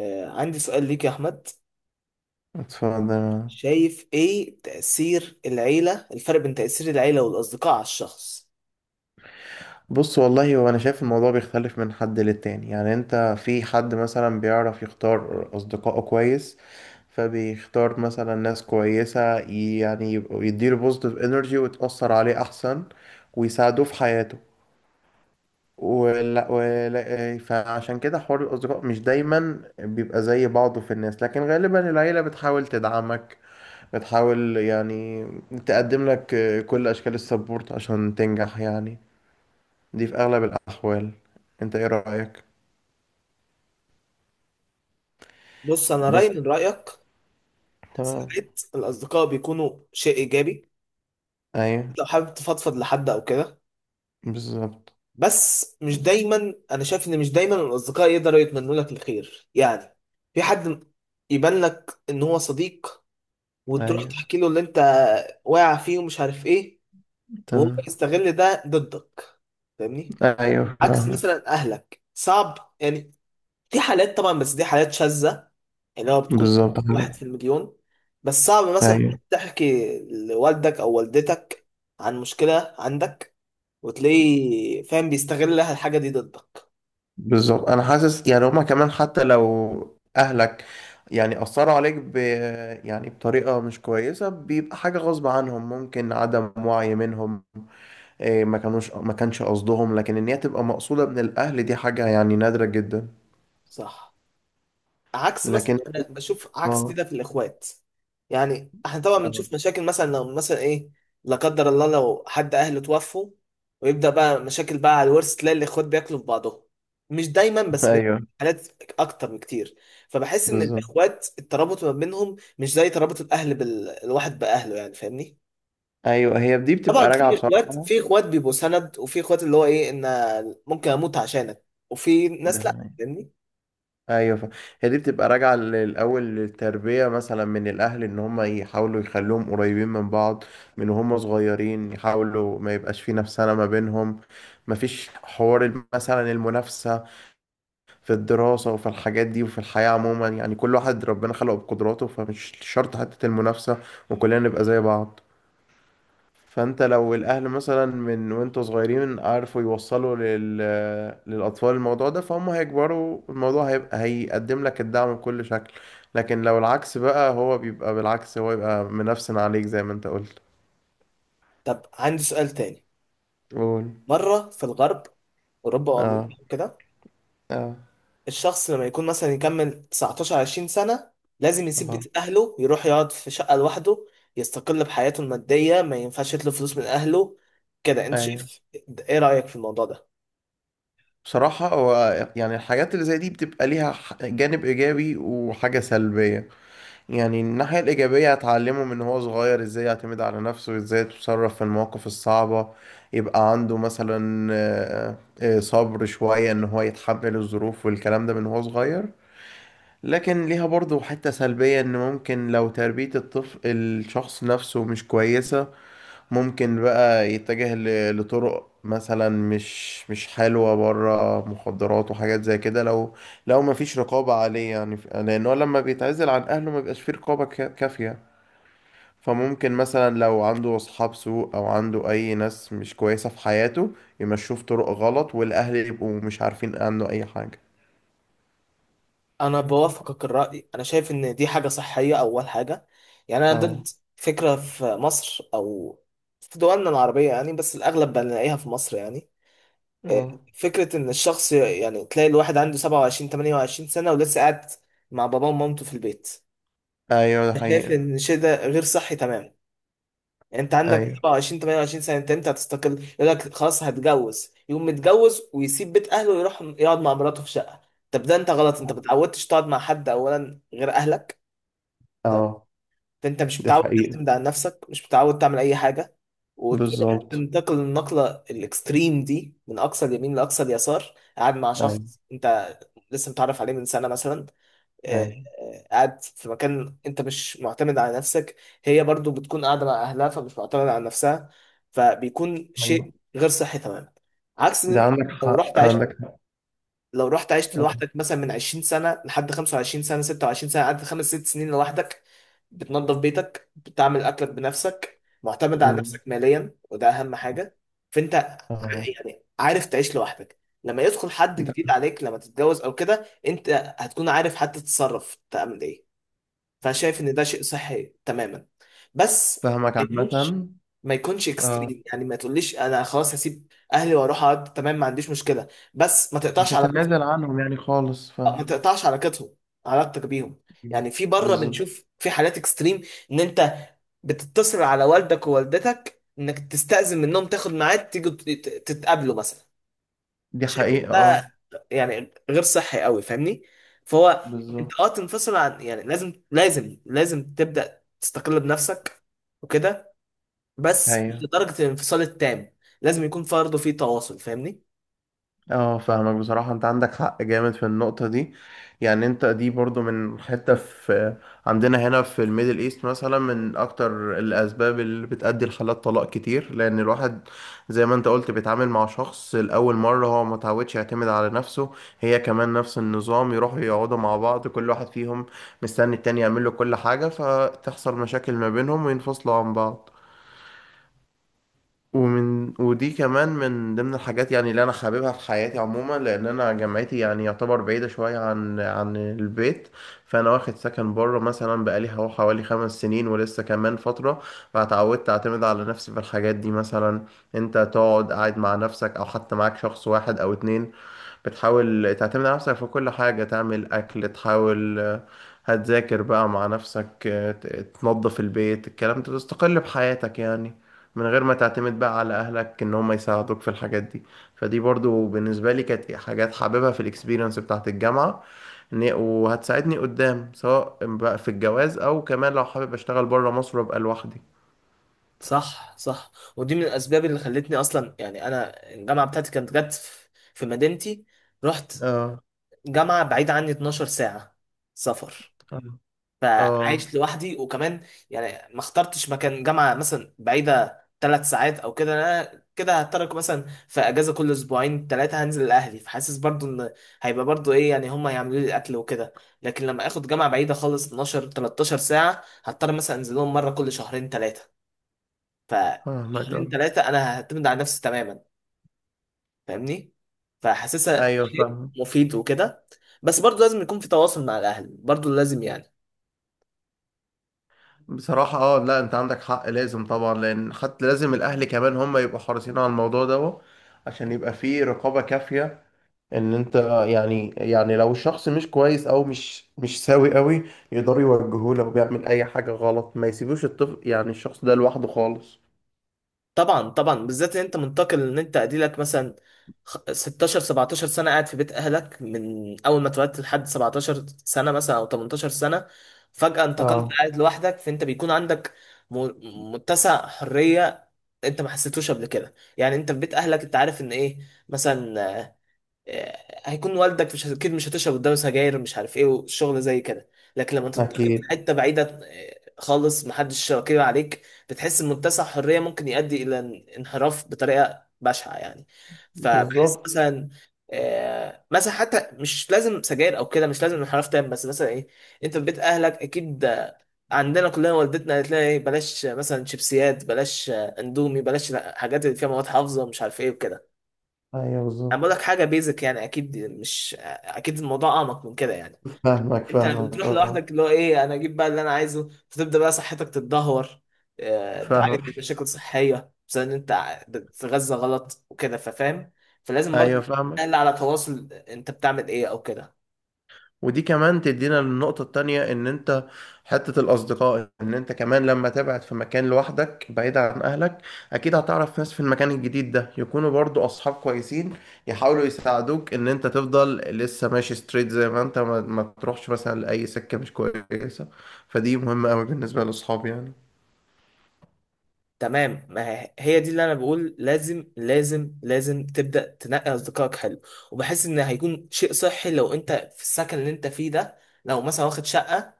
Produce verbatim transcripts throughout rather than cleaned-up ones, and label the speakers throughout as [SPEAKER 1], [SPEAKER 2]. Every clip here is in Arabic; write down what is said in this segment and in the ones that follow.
[SPEAKER 1] آه، عندي سؤال ليك يا أحمد.
[SPEAKER 2] اتفضل.
[SPEAKER 1] شايف إيه تأثير العيلة الفرق بين تأثير العيلة والأصدقاء على الشخص؟
[SPEAKER 2] بص والله هو انا شايف الموضوع بيختلف من حد للتاني، يعني انت في حد مثلا بيعرف يختار اصدقائه كويس، فبيختار مثلا ناس كويسة، يعني يبقوا- يديله بوزيتيف انرجي وتأثر عليه احسن ويساعدوه في حياته ولا ولا فعشان كده حوار الاصدقاء مش دايما بيبقى زي بعضه في الناس، لكن غالبا العيلة بتحاول تدعمك، بتحاول يعني تقدم لك كل اشكال السبورت عشان تنجح يعني، دي في اغلب الاحوال. انت ايه رايك؟
[SPEAKER 1] بص، أنا رأيي
[SPEAKER 2] بس
[SPEAKER 1] من رأيك.
[SPEAKER 2] تمام.
[SPEAKER 1] ساعات الأصدقاء بيكونوا شيء إيجابي،
[SPEAKER 2] ايوه.
[SPEAKER 1] أنت لو حابب تفضفض لحد أو كده.
[SPEAKER 2] بالظبط.
[SPEAKER 1] بس مش دايما، أنا شايف إن مش دايما الأصدقاء يقدروا يتمنوا لك الخير يعني. في حد يبان لك إن هو صديق، وتروح
[SPEAKER 2] ايوه.
[SPEAKER 1] تحكي له اللي أنت واقع فيه ومش عارف إيه، وهو
[SPEAKER 2] تمام.
[SPEAKER 1] يستغل ده ضدك. فاهمني؟
[SPEAKER 2] ايوه
[SPEAKER 1] عكس
[SPEAKER 2] فاهمك.
[SPEAKER 1] مثلا اهلك، صعب يعني. في حالات طبعا، بس دي حالات شاذة، يعني هو بتكون
[SPEAKER 2] بالظبط
[SPEAKER 1] واحد في
[SPEAKER 2] كده.
[SPEAKER 1] المليون. بس صعب مثلا
[SPEAKER 2] ايوه
[SPEAKER 1] تحكي لوالدك او والدتك عن مشكلة عندك وتلاقيه فاهم بيستغل الحاجة دي ضدك.
[SPEAKER 2] بالظبط، انا حاسس يعني هما كمان حتى لو اهلك يعني اثروا عليك ب، يعني بطريقه مش كويسه، بيبقى حاجه غصب عنهم، ممكن عدم وعي منهم، إيه ما كانوش ما كانش قصدهم، لكن ان هي تبقى مقصوده من الاهل دي حاجه يعني نادره جدا.
[SPEAKER 1] صح. عكس مثلا،
[SPEAKER 2] لكن
[SPEAKER 1] انا بشوف عكس
[SPEAKER 2] اه،
[SPEAKER 1] كده في الاخوات. يعني احنا طبعا بنشوف
[SPEAKER 2] آه.
[SPEAKER 1] مشاكل، مثلا لو مثلا ايه، لا قدر الله، لو حد اهله توفوا ويبدا بقى مشاكل بقى على الورث، تلاقي الاخوات بياكلوا في بعضهم. مش دايما بس بت-
[SPEAKER 2] ايوه
[SPEAKER 1] حالات اكتر بكتير. فبحس ان
[SPEAKER 2] بالظبط.
[SPEAKER 1] الاخوات الترابط ما بينهم مش زي ترابط الاهل بالواحد باهله، يعني فاهمني.
[SPEAKER 2] ايوه هي دي
[SPEAKER 1] طبعا
[SPEAKER 2] بتبقى راجعه
[SPEAKER 1] في اخوات
[SPEAKER 2] بصراحه.
[SPEAKER 1] في اخوات بيبقوا سند، وفي اخوات اللي هو ايه، ان ممكن اموت عشانك، وفي
[SPEAKER 2] ده
[SPEAKER 1] ناس لا.
[SPEAKER 2] حقيقي.
[SPEAKER 1] فاهمني؟
[SPEAKER 2] ايوه ف... هي دي بتبقى راجعه الاول للتربيه مثلا من الاهل، ان هم يحاولوا يخلوهم قريبين من بعض من وهم صغيرين، يحاولوا ما يبقاش في نفسنا ما بينهم، ما فيش حوار الم- مثلا المنافسه في الدراسه وفي الحاجات دي وفي الحياه عموما، يعني كل واحد ربنا خلقه بقدراته، فمش شرط حته المنافسه وكلنا نبقى زي بعض. فانت لو الاهل مثلا من وانتوا صغيرين عارفوا يوصلوا لل... للاطفال الموضوع ده، فهم هيكبروا الموضوع هيبقى هيقدم لك الدعم بكل شكل، لكن لو العكس بقى هو بيبقى بالعكس، هو يبقى منفسن عليك زي ما انت قلت.
[SPEAKER 1] طب عندي سؤال تاني.
[SPEAKER 2] قول.
[SPEAKER 1] مرة في الغرب، أوروبا
[SPEAKER 2] اه.
[SPEAKER 1] وأمريكا كده،
[SPEAKER 2] اه.
[SPEAKER 1] الشخص لما يكون مثلا يكمل تسعتاشر عشرين سنة، لازم يسيب
[SPEAKER 2] اه.
[SPEAKER 1] بيت أهله، يروح يقعد في شقة لوحده، يستقل بحياته المادية، ما ينفعش يطلب فلوس من أهله. كده أنت
[SPEAKER 2] ايوه.
[SPEAKER 1] شايف، إيه رأيك في الموضوع ده؟
[SPEAKER 2] بصراحة هو يعني الحاجات اللي زي دي بتبقى ليها ح- جانب إيجابي وحاجة سلبية. يعني الناحية الإيجابية هتعلمه من هو صغير إزاي يعتمد على نفسه وإزاي يتصرف في المواقف الصعبة، يبقى عنده مثلا آه، آه، صبر شوية، إن هو يتحمل الظروف والكلام ده من هو صغير. لكن ليها برضه حتة سلبية، إن ممكن لو تربية الطفل الشخص نفسه مش كويسة، ممكن بقى يتجه ل- لطرق مثلا مش مش حلوة، بره مخدرات وحاجات زي كده، لو لو ما فيش رقابة عليه يعني، ف- لأنه لما بيتعزل عن أهله ما بيبقاش فيه رقابة كا- كافية، فممكن مثلا لو عنده أصحاب سوء أو عنده أي ناس مش كويسة في حياته يمشوه في طرق غلط، والأهل يبقوا مش عارفين عنه أي حاجة.
[SPEAKER 1] أنا بوافقك الرأي، أنا شايف إن دي حاجة صحية، أول حاجة. يعني أنا
[SPEAKER 2] اه.
[SPEAKER 1] ضد فكرة في مصر أو في دولنا العربية، يعني بس الأغلب بنلاقيها في مصر يعني،
[SPEAKER 2] اه.
[SPEAKER 1] فكرة إن الشخص، يعني تلاقي الواحد عنده سبعة وعشرين ثمانية وعشرين سنة ولسه قاعد مع باباه ومامته في البيت.
[SPEAKER 2] أيوه ده
[SPEAKER 1] أنا شايف
[SPEAKER 2] حقيقة.
[SPEAKER 1] إن الشيء ده غير صحي تمام. يعني أنت عندك
[SPEAKER 2] أيوه.
[SPEAKER 1] سبعة وعشرين ثمانية وعشرين سنة، أنت أنت هتستقل، يقول لك خلاص هتجوز، يقوم متجوز ويسيب بيت أهله ويروح يقعد مع مراته في شقة. طب ده أنت غلط، أنت ما اتعودتش تقعد مع حد أولا غير أهلك.
[SPEAKER 2] اه
[SPEAKER 1] ده انت مش
[SPEAKER 2] ده
[SPEAKER 1] متعود
[SPEAKER 2] حقيقة.
[SPEAKER 1] تعتمد على نفسك، مش متعود تعمل اي حاجه. وتروح
[SPEAKER 2] بالظبط.
[SPEAKER 1] تنتقل النقله الاكستريم دي، من اقصى اليمين لاقصى اليسار، قاعد مع
[SPEAKER 2] أيوه.
[SPEAKER 1] شخص انت لسه متعرف عليه من سنه مثلا. آه،
[SPEAKER 2] أيوه.
[SPEAKER 1] آه، قاعد في مكان انت مش معتمد على نفسك، هي برضو بتكون قاعده مع اهلها فمش معتمده على نفسها، فبيكون
[SPEAKER 2] أيوه
[SPEAKER 1] شيء غير صحي تماما. عكس ان
[SPEAKER 2] ده
[SPEAKER 1] انت
[SPEAKER 2] عندك
[SPEAKER 1] لو
[SPEAKER 2] حق،
[SPEAKER 1] رحت عشت
[SPEAKER 2] عندك
[SPEAKER 1] لو رحت عشت
[SPEAKER 2] حق.
[SPEAKER 1] لوحدك، مثلا من عشرين سنة لحد خمسة وعشرين سنة ستة وعشرين سنة، قعدت خمس ست سنين لوحدك، بتنظف بيتك، بتعمل أكلك بنفسك، معتمد على
[SPEAKER 2] مم.
[SPEAKER 1] نفسك ماليا، وده أهم حاجة. فأنت
[SPEAKER 2] آه.
[SPEAKER 1] يعني عارف تعيش لوحدك. لما يدخل حد
[SPEAKER 2] ده
[SPEAKER 1] جديد عليك، لما تتجوز أو كده، أنت هتكون عارف حتى تتصرف تعمل إيه. فأنا شايف إن ده شيء صحي تماما. بس
[SPEAKER 2] فاهمك
[SPEAKER 1] ما
[SPEAKER 2] عامة.
[SPEAKER 1] يكونش ما يكونش
[SPEAKER 2] آه.
[SPEAKER 1] اكستريم، يعني ما تقوليش انا خلاص هسيب اهلي واروح اقعد، تمام ما عنديش مشكله، بس ما
[SPEAKER 2] مش
[SPEAKER 1] تقطعش علاقتك.
[SPEAKER 2] هتنازل عنهم يعني خالص،
[SPEAKER 1] آه، ما
[SPEAKER 2] فاهم.
[SPEAKER 1] تقطعش علاقتهم علاقتك بيهم. يعني في بره
[SPEAKER 2] بالظبط.
[SPEAKER 1] بنشوف في حالات اكستريم، ان انت بتتصل على والدك ووالدتك انك تستأذن منهم تاخد ميعاد تيجوا تت- تتقابلوا مثلا.
[SPEAKER 2] دي
[SPEAKER 1] شايف إن
[SPEAKER 2] حقيقة
[SPEAKER 1] ده
[SPEAKER 2] اه.
[SPEAKER 1] يعني غير صحي قوي، فاهمني؟ فهو
[SPEAKER 2] بالظبط.
[SPEAKER 1] انت اه تنفصل عن، يعني لازم لازم لازم تبدأ تستقل بنفسك وكده، بس مش
[SPEAKER 2] ايوه.
[SPEAKER 1] لدرجة الانفصال التام. لازم يكون برضه في تواصل، فاهمني.
[SPEAKER 2] اه فاهمك بصراحة، انت عندك حق جامد في النقطة دي. يعني انت دي برضو من حتة في، عندنا هنا في الميدل ايست مثلا من اكتر الاسباب اللي بتأدي لحالات طلاق كتير، لان الواحد زي ما انت قلت بيتعامل مع شخص لأول مرة، هو ما تعودش يعتمد على نفسه، هي كمان نفس النظام، يروحوا يقعدوا مع بعض، كل واحد فيهم مستني التاني يعمل له كل حاجة، فتحصل مشاكل ما بينهم وينفصلوا عن بعض. ومن ودي كمان من ضمن الحاجات يعني اللي انا حاببها في حياتي عموما، لان انا جامعتي يعني يعتبر بعيده شويه عن عن البيت، فانا واخد سكن بره مثلا بقالي هو حوالي خمس سنين ولسه كمان فتره، فاتعودت اعتمد على نفسي في الحاجات دي مثلا. انت تقعد قاعد مع نفسك او حتى معاك شخص واحد او اتنين، بتحاول تعتمد على نفسك في كل حاجة، تعمل أكل، تحاول آه، هتذاكر بقى مع نفسك، آه، ت- تنظف البيت، الكلام ده تستقل بحياتك يعني، من غير ما تعتمد بقى على أهلك إن هم يساعدوك في الحاجات دي. فدي برضو بالنسبة لي كانت حاجات حاببها في الإكسبيرينس بتاعت الجامعة، إن هي- وهتساعدني قدام سواء بقى في الجواز أو كمان لو حابب أشتغل بره مصر وأبقى لوحدي.
[SPEAKER 1] صح صح. ودي من الاسباب اللي خلتني اصلا يعني، انا الجامعه بتاعتي كانت جت في في مدينتي. رحت
[SPEAKER 2] اه.
[SPEAKER 1] جامعه بعيده عني اتناشر ساعه سفر،
[SPEAKER 2] اه. آه،
[SPEAKER 1] فعايش لوحدي. وكمان يعني ما اخترتش مكان جامعه مثلا بعيده ثلاث ساعات او كده. انا كده هترك مثلا في اجازه كل اسبوعين ثلاثه، هنزل لاهلي، فحاسس برضو ان هيبقى برضو ايه يعني، هم هيعملوا لي الاكل وكده. لكن لما اخد جامعه بعيده خالص اتناشر تلتاشر ساعه، هضطر مثلا انزل لهم مره كل شهرين ثلاثه. ف
[SPEAKER 2] فاهمك اه.
[SPEAKER 1] شهرين ثلاثة أنا هعتمد على نفسي تماما، فاهمني؟ فحاسسها
[SPEAKER 2] أيوه
[SPEAKER 1] شيء
[SPEAKER 2] فاهمك.
[SPEAKER 1] مفيد وكده. بس برضو لازم يكون في تواصل مع الأهل برضو، لازم يعني.
[SPEAKER 2] بصراحة اه لا انت عندك حق، لازم طبعا، لان حتى لازم الاهل كمان هم يبقوا حريصين على الموضوع ده عشان يبقى فيه رقابة كافية، ان انت يعني، يعني لو الشخص مش كويس او مش مش سوي قوي يقدروا يوجهوه، لو بيعمل اي حاجة غلط ما يسيبوش الطفل يعني الشخص ده لوحده خالص.
[SPEAKER 1] طبعا طبعا، بالذات إن أنت منتقل. إن أنت أديلك مثلا، خ- ستاشر سبعتاشر سنة قاعد في بيت أهلك، من أول ما اتولدت لحد سبعتاشر سنة مثلا أو تمنتاشر سنة، فجأة انتقلت
[SPEAKER 2] اه.
[SPEAKER 1] قاعد لوحدك، فأنت بيكون عندك م- متسع حرية أنت ما حسيتوش قبل كده. يعني أنت في بيت أهلك أنت عارف إن إيه، مثلا آه، هيكون والدك، مش اكيد مش هتشرب قدامه سجاير مش عارف ايه والشغل زي كده. لكن لما تنتقل في
[SPEAKER 2] اكيد.
[SPEAKER 1] حته بعيده آه، خالص، محدش شاكر عليك، بتحس ان منتسع حريه ممكن يؤدي الى ان- انحراف بطريقه بشعه يعني. فبحس
[SPEAKER 2] بالظبط.
[SPEAKER 1] مثلا آه، مثلا، حتى مش لازم سجاير او كده، مش لازم انحراف تام، بس مثلا ايه، انت في بيت اهلك اكيد. آه، عندنا كلنا والدتنا قالت لنا ايه، بلاش آه، مثلا شيبسيات، بلاش آه، اندومي، بلاش حاجات اللي فيها مواد حافظه مش عارف ايه وكده.
[SPEAKER 2] ايوه.
[SPEAKER 1] انا بقول
[SPEAKER 2] بالظبط.
[SPEAKER 1] لك حاجه بيزك يعني، اكيد مش اكيد، الموضوع اعمق من كده يعني.
[SPEAKER 2] فاهمك
[SPEAKER 1] انت لما
[SPEAKER 2] فاهمك
[SPEAKER 1] بتروح
[SPEAKER 2] اه.
[SPEAKER 1] لوحدك، اللي هو ايه، انا اجيب بقى اللي انا عايزه، فتبدا بقى صحتك تتدهور. آه،
[SPEAKER 2] فاهمك.
[SPEAKER 1] تعاني من مشاكل صحيه بسبب ان انت بتتغذى غلط وكده، ففاهم. فلازم
[SPEAKER 2] ايوه
[SPEAKER 1] برضه
[SPEAKER 2] فاهمك.
[SPEAKER 1] تقل على تواصل، انت بتعمل ايه او كده.
[SPEAKER 2] ودي كمان تدينا للنقطة التانية، ان انت حتة الاصدقاء، ان انت كمان لما تبعد في مكان لوحدك بعيد عن اهلك، اكيد هتعرف ناس في المكان الجديد ده يكونوا برضو اصحاب كويسين، يحاولوا يساعدوك ان انت تفضل لسه ماشي ستريت، زي ما انت ما, ما تروحش مثلا لاي سكة مش كويسة، فدي مهمة قوي بالنسبة للاصحاب يعني.
[SPEAKER 1] تمام، ما هي هي دي اللي انا بقول، لازم لازم لازم تبدا تنقي اصدقائك. حلو. وبحس ان هيكون شيء صحي لو انت في السكن اللي انت فيه ده، لو مثلا واخد شقه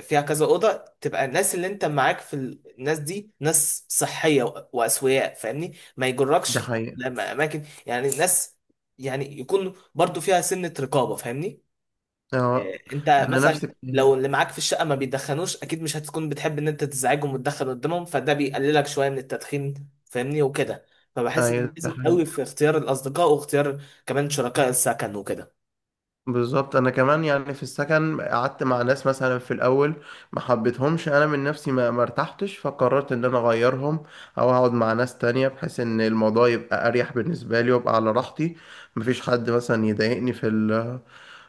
[SPEAKER 1] فيها كذا اوضه، تبقى الناس اللي انت معاك في ال- الناس دي ناس صحيه و- واسوياء، فاهمني، ما
[SPEAKER 2] ده
[SPEAKER 1] يجركش
[SPEAKER 2] حقيقة
[SPEAKER 1] لما اماكن يعني الناس، يعني يكون برضو فيها سنه رقابه، فاهمني.
[SPEAKER 2] اه.
[SPEAKER 1] إيه، انت
[SPEAKER 2] انا
[SPEAKER 1] مثلا
[SPEAKER 2] نفسك ايوه.
[SPEAKER 1] لو اللي معاك في الشقه ما بيدخنوش، اكيد مش هتكون بتحب ان انت تزعجهم وتدخن قدامهم، فده بيقللك شويه من التدخين، فاهمني وكده.
[SPEAKER 2] ده
[SPEAKER 1] فبحس ان
[SPEAKER 2] حقيقة.
[SPEAKER 1] لازم قوي في اختيار الاصدقاء، واختيار كمان شركاء السكن وكده.
[SPEAKER 2] بالظبط، انا كمان يعني في السكن قعدت مع ناس مثلا في الاول ما حبيتهمش انا من نفسي، ما ما ارتحتش، فقررت ان انا اغيرهم او اقعد مع ناس تانية بحيث ان الموضوع يبقى اريح بالنسبه لي وابقى على راحتي، مفيش حد مثلا يضايقني في ال-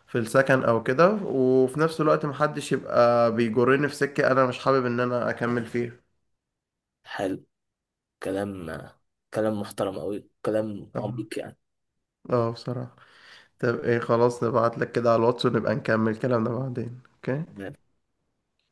[SPEAKER 2] في السكن او كده، وفي نفس الوقت محدش يبقى بيجرني في سكه انا مش حابب ان انا اكمل فيها.
[SPEAKER 1] حلو، كلام كلام محترم قوي، كلام
[SPEAKER 2] اه.
[SPEAKER 1] عميق
[SPEAKER 2] آه، بصراحه. طب ايه، خلاص نبعت لك كده على الواتس ونبقى نكمل كلامنا بعدين، اوكي؟
[SPEAKER 1] يعني.